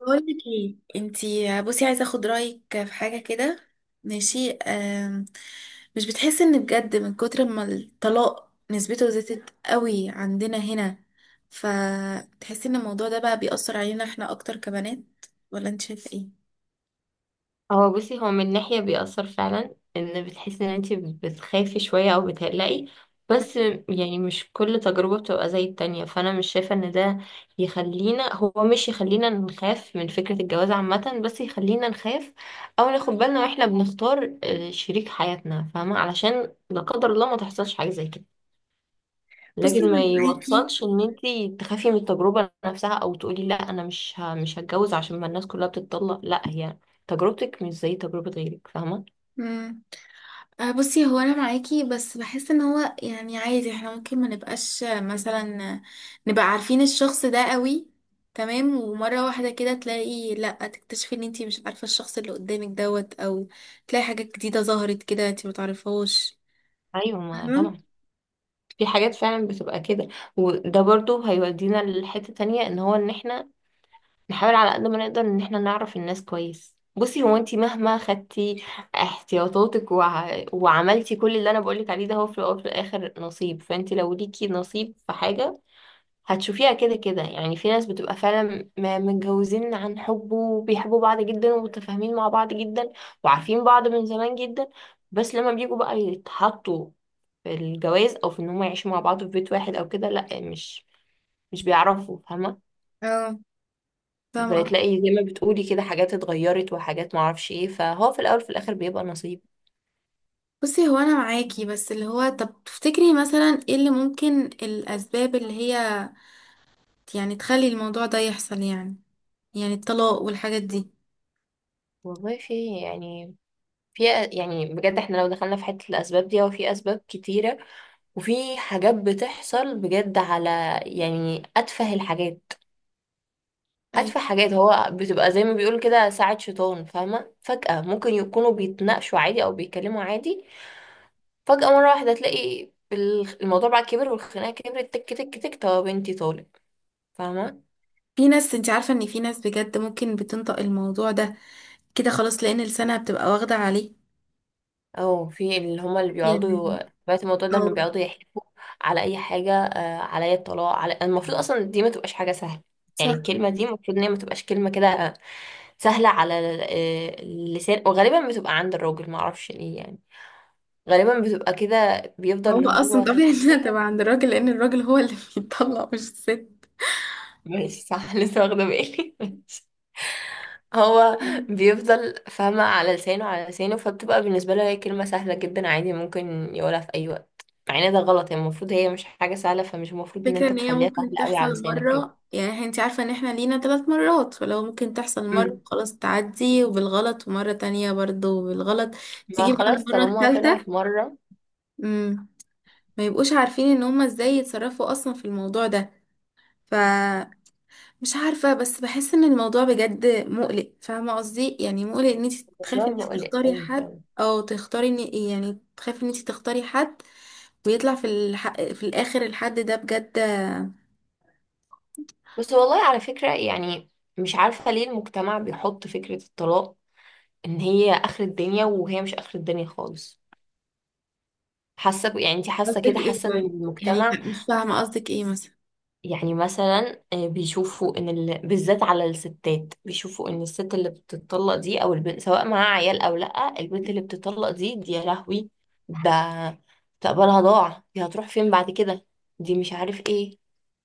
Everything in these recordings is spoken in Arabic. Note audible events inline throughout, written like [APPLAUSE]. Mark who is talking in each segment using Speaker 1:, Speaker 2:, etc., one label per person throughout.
Speaker 1: بقول لك ايه؟ انتي بصي، عايزه اخد رايك في حاجه كده. ماشي. مش بتحسي ان بجد من كتر ما الطلاق نسبته زادت قوي عندنا هنا؟ فتحسي ان الموضوع ده بقى بيأثر علينا احنا اكتر كبنات، ولا انت شايفه ايه؟
Speaker 2: هو بصي من ناحية بيأثر فعلا ان بتحسي ان انتي بتخافي شوية او بتقلقي، بس يعني مش كل تجربة بتبقى زي التانية، فانا مش شايفة ان ده يخلينا هو مش يخلينا نخاف من فكرة الجواز عامة، بس يخلينا نخاف او ناخد بالنا واحنا بنختار شريك حياتنا، فاهمة؟ علشان لا قدر الله ما تحصلش حاجة زي كده.
Speaker 1: بصي
Speaker 2: لكن ما
Speaker 1: انا
Speaker 2: يوصلش ان انتي تخافي من التجربة نفسها او تقولي لا انا مش هتجوز عشان ما الناس كلها بتتطلق. لا، هي تجربتك مش زي تجربة غيرك، فاهمة؟
Speaker 1: معاكي. بصي هو انا معاكي بس بحس ان هو، يعني عادي احنا ممكن ما نبقاش، مثلا، نبقى عارفين الشخص ده قوي. تمام، ومرة واحدة كده تلاقي، لا تكتشفي ان انتي مش عارفة الشخص اللي قدامك دوت، او تلاقي حاجات جديدة ظهرت كده انتي ما تعرفهاش.
Speaker 2: ايوه، ما
Speaker 1: فاهمة؟
Speaker 2: طبعا في حاجات فعلا بتبقى كده. وده برضو هيودينا لحتة تانية، ان هو ان احنا نحاول على قد ما نقدر ان احنا نعرف الناس كويس. بصي، هو انتي مهما خدتي احتياطاتك وعملتي كل اللي انا بقولك عليه ده، هو في الاول وفي الاخر نصيب. فانتي لو ليكي نصيب في حاجة هتشوفيها كده كده. يعني في ناس بتبقى فعلا متجوزين عن حب، وبيحبوا بعض جدا، ومتفاهمين مع بعض جدا، وعارفين بعض من زمان جدا، بس لما بيجوا بقى يتحطوا في الجواز او في ان هم يعيشوا مع بعض في بيت واحد او كده، لا مش بيعرفوا، فاهمة؟
Speaker 1: اه، فاهمة قصدي.
Speaker 2: بتلاقي زي ما بتقولي كده حاجات اتغيرت وحاجات معرفش ايه، فهو في الاول في الاخر بيبقى نصيب.
Speaker 1: بصي هو انا معاكي، بس اللي هو طب تفتكري مثلا ايه اللي ممكن، الاسباب اللي هي يعني تخلي الموضوع ده يحصل؟ يعني الطلاق والحاجات دي.
Speaker 2: والله في يعني، في بجد احنا لو دخلنا في حتة الاسباب دي، هو في اسباب كتيرة وفي حاجات بتحصل بجد على يعني أتفه الحاجات. أتفه حاجات هو بتبقى زي ما بيقول كده، ساعة شيطان، فاهمة؟ فجأة ممكن يكونوا بيتناقشوا عادي أو بيتكلموا عادي، فجأة مرة واحدة تلاقي الموضوع بقى كبر، والخناقة كبرت، تك تك تك، طب بنتي طالب، فاهمة؟
Speaker 1: في ناس، انت عارفة ان في ناس بجد ممكن بتنطق الموضوع ده كده خلاص، لان لسانها بتبقى واخدة عليه،
Speaker 2: او في اللي هما اللي بيقعدوا،
Speaker 1: يعني،
Speaker 2: سمعت الموضوع ده انه
Speaker 1: او
Speaker 2: بيقعدوا يحلفوا على اي حاجه، عليا الطلاق. على المفروض اصلا دي ما تبقاش حاجه سهله. يعني
Speaker 1: صح.
Speaker 2: الكلمه دي المفروض ان هي ما تبقاش كلمه كده سهله على اللسان. وغالبا بتبقى عند الراجل، ما اعرفش ليه يعني. غالبا بتبقى كده، بيفضل اللي
Speaker 1: هو
Speaker 2: هو
Speaker 1: اصلا
Speaker 2: طب
Speaker 1: طبيعي [LAUGHS] انها
Speaker 2: عليا.
Speaker 1: تبقى عند الراجل، لان الراجل هو اللي بيطلق مش الست.
Speaker 2: ماشي، صح، لسه واخده بالي [LAUGHS] هو
Speaker 1: مم.
Speaker 2: بيفضل، فاهمة، على لسانه، على لسانه، فبتبقى بالنسبة له هي كلمة سهلة جدا عادي، ممكن يقولها في أي وقت. مع ان ده غلط، هي المفروض هي مش حاجة سهلة، فمش المفروض ان
Speaker 1: فكرة
Speaker 2: انت
Speaker 1: ان هي
Speaker 2: تخليها
Speaker 1: ممكن
Speaker 2: سهلة قوي على
Speaker 1: تحصل
Speaker 2: لسانك
Speaker 1: مرة،
Speaker 2: كده.
Speaker 1: يعني انت عارفة ان احنا لينا ثلاث مرات، فلو ممكن تحصل مرة
Speaker 2: مم.
Speaker 1: خلاص، تعدي وبالغلط، ومرة تانية برضو بالغلط،
Speaker 2: ما
Speaker 1: تيجي بقى
Speaker 2: خلاص
Speaker 1: المرة
Speaker 2: طالما
Speaker 1: الثالثة.
Speaker 2: طلعت مرة.
Speaker 1: امم ما يبقوش عارفين ان هما ازاي يتصرفوا اصلا في الموضوع ده. ف مش عارفة، بس بحس ان الموضوع بجد مقلق، فاهمة قصدي؟ يعني مقلق ان انت تخافي ان
Speaker 2: الموضوع
Speaker 1: انت
Speaker 2: مقلق
Speaker 1: تختاري
Speaker 2: قوي،
Speaker 1: حد،
Speaker 2: فاهمة؟
Speaker 1: او تختاري ان، يعني تخافي ان انت تختاري حد، ويطلع في الاخر الحد ده بجد.
Speaker 2: بس والله على فكرة يعني مش عارفة ليه المجتمع بيحط فكرة الطلاق ان هي آخر الدنيا، وهي مش آخر الدنيا خالص. حاسة يعني انت حاسة كده،
Speaker 1: قصدك ايه
Speaker 2: حاسة ان
Speaker 1: طيب؟ يعني
Speaker 2: المجتمع،
Speaker 1: مش فاهمة قصدك ايه مثلا.
Speaker 2: يعني مثلا بيشوفوا ان بالذات على الستات، بيشوفوا ان الست اللي بتطلق دي او البنت، سواء معاها عيال او لا، البنت اللي بتطلق دي يا لهوي، ده مستقبلها ضاع، دي هتروح فين بعد كده، دي مش عارف ايه،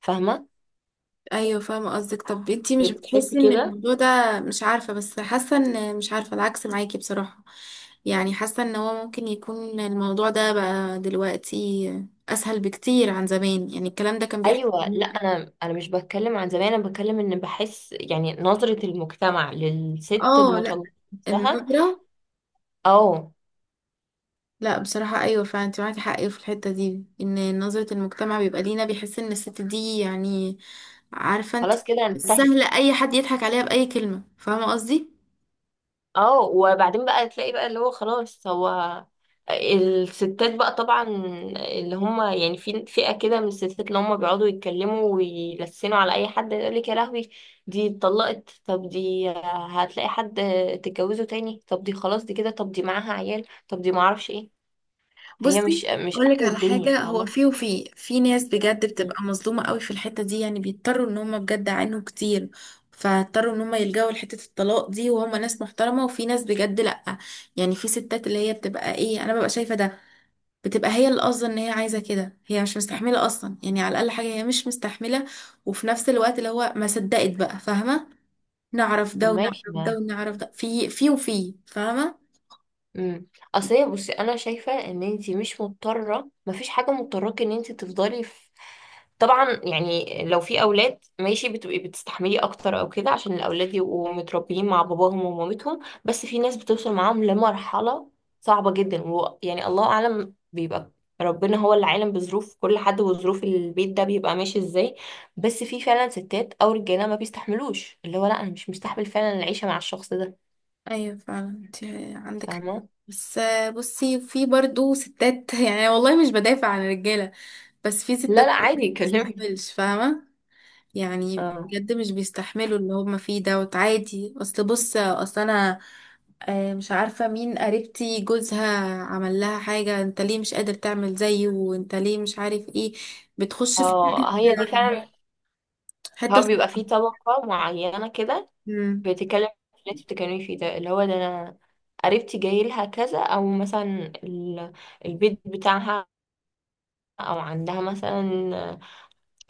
Speaker 2: فاهمة؟
Speaker 1: ايوه، فاهمة قصدك. طب انت مش
Speaker 2: بتحس
Speaker 1: بتحسي ان
Speaker 2: كده؟
Speaker 1: الموضوع ده، مش عارفة، بس حاسة ان، مش عارفة، العكس معاكي بصراحة. يعني حاسة ان هو ممكن يكون الموضوع ده بقى دلوقتي اسهل بكتير عن زمان، يعني الكلام ده كان بيحصل.
Speaker 2: ايوه، لا انا مش بتكلم عن زمان، انا بتكلم ان بحس يعني نظرة المجتمع للست
Speaker 1: اه، لا.
Speaker 2: المطلقة نفسها.
Speaker 1: النظرة.
Speaker 2: اه،
Speaker 1: لا بصراحة، أيوة فعلا انت معاكي حق في الحتة دي، ان نظرة المجتمع بيبقى لينا، بيحس ان الست دي يعني، عارفة انت،
Speaker 2: خلاص كده انتهت.
Speaker 1: سهلة، أي حد يضحك عليها بأي كلمة، فاهمة قصدي؟
Speaker 2: اه، وبعدين بقى تلاقي بقى اللي هو خلاص. هو الستات بقى طبعا، اللي هم يعني في فئة كده من الستات اللي هم بيقعدوا يتكلموا ويلسنوا على أي حد، يقول لك يا لهوي، دي اتطلقت، طب دي هتلاقي حد تتجوزه تاني؟ طب دي خلاص دي كده، طب دي معاها عيال، طب دي معرفش ايه. هي مش
Speaker 1: بصي،
Speaker 2: مش
Speaker 1: أقولك
Speaker 2: آخر
Speaker 1: على
Speaker 2: الدنيا،
Speaker 1: حاجة. هو
Speaker 2: فاهمة؟
Speaker 1: في ناس بجد
Speaker 2: مم.
Speaker 1: بتبقى مظلومة قوي في الحتة دي، يعني بيضطروا ان هم بجد عانوا كتير، فاضطروا ان هم يلجأوا لحتة الطلاق دي، وهم ناس محترمة. وفي ناس بجد لأ، يعني في ستات اللي هي بتبقى ايه، انا ببقى شايفة ده، بتبقى هي اللي قاصده ان هي عايزه كده، هي مش مستحمله اصلا، يعني على الاقل حاجه هي مش مستحمله، وفي نفس الوقت اللي هو ما صدقت بقى، فاهمه، نعرف
Speaker 2: طب
Speaker 1: ده ونعرف
Speaker 2: ماشي.
Speaker 1: ده ونعرف ده، في فاهمه.
Speaker 2: امم اصل هي، بصي انا شايفه ان انت مش مضطره، مفيش حاجه مضطراك ان انت تفضلي في. طبعا يعني لو في اولاد، ماشي، بتبقي بتستحملي اكتر او كده عشان الاولاد يبقوا متربيين مع باباهم ومامتهم، بس في ناس بتوصل معاهم لمرحله صعبه جدا، ويعني الله اعلم، بيبقى ربنا هو اللي عالم بظروف كل حد وظروف البيت ده بيبقى ماشي ازاي. بس في فعلا ستات او رجاله ما بيستحملوش، اللي هو لا انا مش مستحمل فعلا العيشه مع الشخص ده،
Speaker 1: ايوه فعلا، انت عندك حق.
Speaker 2: فاهمه؟
Speaker 1: بس بصي في برضو ستات [LAUGHS] يعني والله مش بدافع عن الرجاله، بس في
Speaker 2: لا
Speaker 1: ستات
Speaker 2: لا،
Speaker 1: برضو ما
Speaker 2: عادي، كلمني.
Speaker 1: بتستحملش، فاهمه. يعني
Speaker 2: اه،
Speaker 1: بجد مش بيستحملوا اللي هم فيه دوت عادي. اصل انا مش عارفة مين، قريبتي جوزها عمل لها حاجة، انت ليه مش قادر تعمل زيه، وانت ليه مش عارف ايه. بتخش في
Speaker 2: اه، هي
Speaker 1: [CLEARS THROAT]
Speaker 2: دي
Speaker 1: حتة،
Speaker 2: فعلا.
Speaker 1: حتة
Speaker 2: هو بيبقى
Speaker 1: صعبة.
Speaker 2: فيه طبقة معينة كده
Speaker 1: مم.
Speaker 2: بتتكلم في اللي انت بتتكلمي فيه ده، اللي هو ده انا قريبتي جاي لها كذا، او مثلا ال- البيت بتاعها، او عندها مثلا،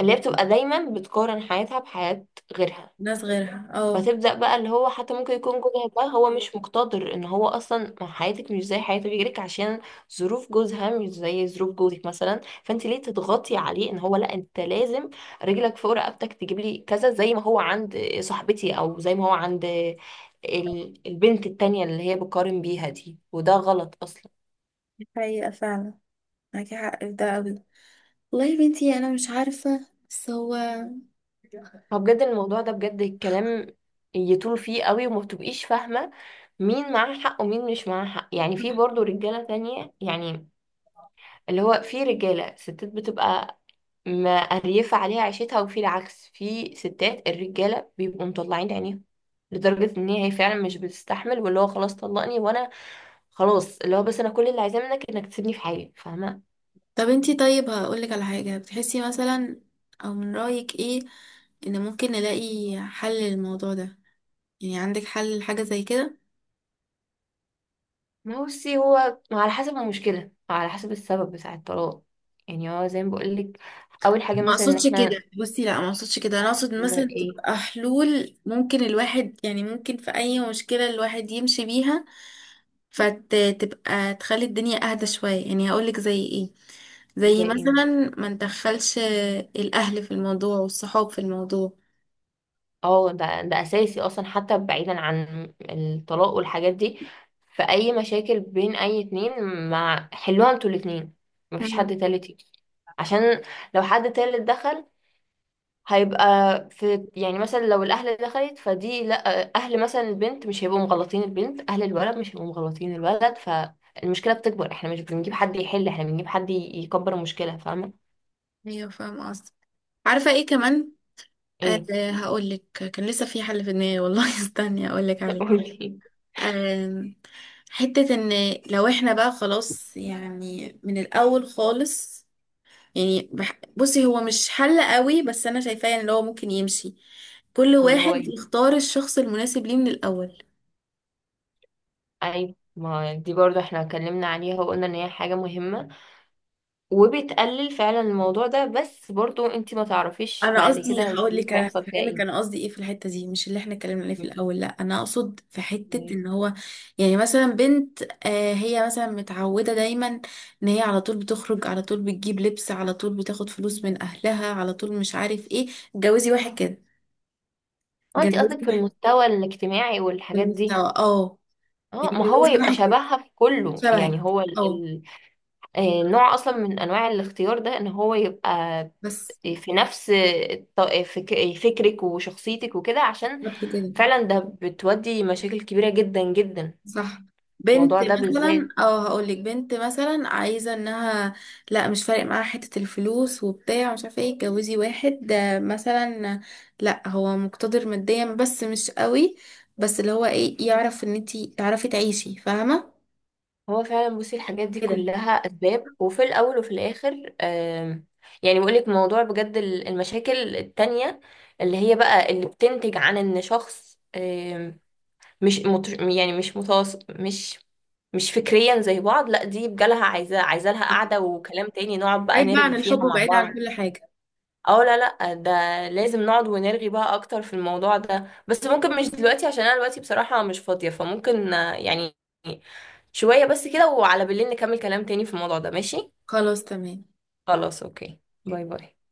Speaker 2: اللي هي بتبقى دايما بتقارن حياتها بحياة غيرها.
Speaker 1: ناس غيرها، اه.
Speaker 2: فتبدأ بقى اللي هو حتى ممكن يكون جوزها ده هو مش مقتدر ان هو اصلا، ما حياتك مش زي حياة غيرك، عشان ظروف جوزها مش زي ظروف جوزك مثلا، فانت ليه تضغطي عليه ان هو لا انت لازم رجلك فوق رقبتك تجيب لي كذا زي ما هو عند صاحبتي، او زي ما هو عند البنت التانية اللي هي بقارن بيها دي، وده غلط اصلا.
Speaker 1: دي حقيقة فعلا. معاكي حق في ده قوي. والله يا بنتي انا مش عارفة، بس هو.
Speaker 2: فبجد الموضوع ده، بجد الكلام يطول فيه قوي، وما بتبقيش فاهمة مين معاه حق ومين مش معاه حق. يعني في برضه رجالة تانية يعني، اللي هو في رجالة ستات بتبقى مقريفة عليها عيشتها، وفي العكس، في ستات الرجالة بيبقوا مطلعين عينيهم لدرجة ان هي فعلا مش بتستحمل، واللي هو خلاص طلقني وانا خلاص، اللي هو بس انا كل اللي عايزاه منك انك تسيبني في حالي، فاهمة؟
Speaker 1: طب انتي، طيب، هقولك على حاجة. بتحسي مثلا، او من رأيك ايه، ان ممكن نلاقي حل للموضوع ده؟ يعني عندك حل لحاجة زي كده؟
Speaker 2: ما هو بصي هو على حسب المشكلة، على حسب السبب بتاع الطلاق. يعني هو زي ما بقولك، اول حاجة
Speaker 1: ما
Speaker 2: مثلا ان
Speaker 1: اقصدش كده.
Speaker 2: احنا
Speaker 1: بصي لا، ما اقصدش كده، انا اقصد
Speaker 2: نعمل
Speaker 1: مثلا
Speaker 2: ايه.
Speaker 1: تبقى حلول، ممكن الواحد يعني، ممكن في اي مشكلة الواحد يمشي بيها، فتبقى تخلي الدنيا اهدى شوية. يعني هقولك زي ايه،
Speaker 2: زي
Speaker 1: زي
Speaker 2: ايه
Speaker 1: مثلا،
Speaker 2: مثلا؟
Speaker 1: ما ندخلش الاهل في الموضوع والصحاب في الموضوع.
Speaker 2: اه، ده اساسي اصلا. حتى بعيدا عن الطلاق والحاجات دي، في اي مشاكل بين اي اتنين، ما حلوها انتوا الاتنين، مفيش
Speaker 1: مم.
Speaker 2: حد تالت يجي. عشان لو حد تالت دخل، هيبقى في، يعني مثلا لو الاهل دخلت، فدي لا، اهل مثلا البنت مش هيبقوا مغلطين البنت، اهل الولد مش هيبقوا مغلطين الولد، فالمشكلة بتكبر. احنا مش بنجيب حد يحل، احنا بنجيب حد يكبر المشكلة، فاهمة؟
Speaker 1: ايوه فاهمة قصدي. عارفة ايه كمان؟
Speaker 2: ايه.
Speaker 1: أه هقولك. كان لسه في حل في دماغي، والله [LAUGHS] استني هقولك
Speaker 2: [LAUGHS]
Speaker 1: عليه.
Speaker 2: قولي.
Speaker 1: آم، حتة ان لو احنا بقى خلاص، يعني من الاول خالص، يعني بصي هو مش حل قوي بس انا شايفاه ان هو ممكن يمشي، كل
Speaker 2: اللي
Speaker 1: واحد
Speaker 2: هو إيه؟
Speaker 1: يختار الشخص المناسب ليه من الاول.
Speaker 2: ايوه، ما دي برضو احنا اتكلمنا عليها وقلنا ان هي حاجة مهمة وبتقلل فعلا الموضوع ده، بس برضو انت ما تعرفيش
Speaker 1: انا
Speaker 2: بعد كده
Speaker 1: قصدي هقول
Speaker 2: الظروف
Speaker 1: لك، انا
Speaker 2: هيحصل فيها
Speaker 1: فاهمك،
Speaker 2: ايه.
Speaker 1: انا قصدي ايه في الحته دي، مش اللي احنا اتكلمنا عليه في
Speaker 2: م.
Speaker 1: الاول، لا انا اقصد في حته ان هو، يعني مثلا بنت، آه، هي مثلا متعوده دايما ان هي على طول بتخرج، على طول بتجيب لبس، على طول بتاخد فلوس من اهلها، على طول مش عارف ايه. اتجوزي واحد كده.
Speaker 2: اه، انت
Speaker 1: اتجوزي
Speaker 2: قصدك في
Speaker 1: واحد
Speaker 2: المستوى الاجتماعي والحاجات دي.
Speaker 1: بالمستوى، اه. يعني
Speaker 2: اه، ما هو
Speaker 1: اتجوزي
Speaker 2: يبقى
Speaker 1: واحد كده
Speaker 2: شبهها في كله، يعني
Speaker 1: شبهك.
Speaker 2: هو ال...
Speaker 1: اه
Speaker 2: ال... آه، نوع اصلا من انواع الاختيار ده، ان هو يبقى
Speaker 1: بس،
Speaker 2: في نفس فكرك وشخصيتك وكده. عشان
Speaker 1: بالظبط كده.
Speaker 2: فعلا ده بتودي مشاكل كبيرة جدا جدا،
Speaker 1: صح. بنت
Speaker 2: الموضوع ده
Speaker 1: مثلا،
Speaker 2: بالذات.
Speaker 1: او هقولك، بنت مثلا عايزه انها، لا مش فارق معاها حته الفلوس وبتاع مش عارفه ايه، اتجوزي واحد، مثلا لا هو مقتدر ماديا بس مش قوي، بس اللي هو ايه، يعرف ان انتي تعرفي تعيشي، فاهمه،
Speaker 2: هو فعلا بصي الحاجات دي
Speaker 1: كده.
Speaker 2: كلها اسباب، وفي الاول وفي الاخر يعني بقول لك، موضوع بجد المشاكل التانية اللي هي بقى اللي بتنتج عن ان شخص مش مت... يعني مش متواصل، مش فكريا زي بعض، لا دي بجالها عايزة، لها قعدة وكلام تاني، نقعد بقى
Speaker 1: بعيد بقى عن
Speaker 2: نرغي فيها
Speaker 1: الحب،
Speaker 2: مع
Speaker 1: وبعيد عن
Speaker 2: بعض.
Speaker 1: كل حاجه.
Speaker 2: اه، لا لا، ده لازم نقعد ونرغي بقى اكتر في الموضوع ده، بس ممكن مش دلوقتي عشان انا دلوقتي بصراحة مش فاضية، فممكن يعني شوية بس كده، وعلى بالليل نكمل كلام تاني في الموضوع ده، ماشي؟
Speaker 1: خلاص تمام.
Speaker 2: خلاص، اوكي، باي باي.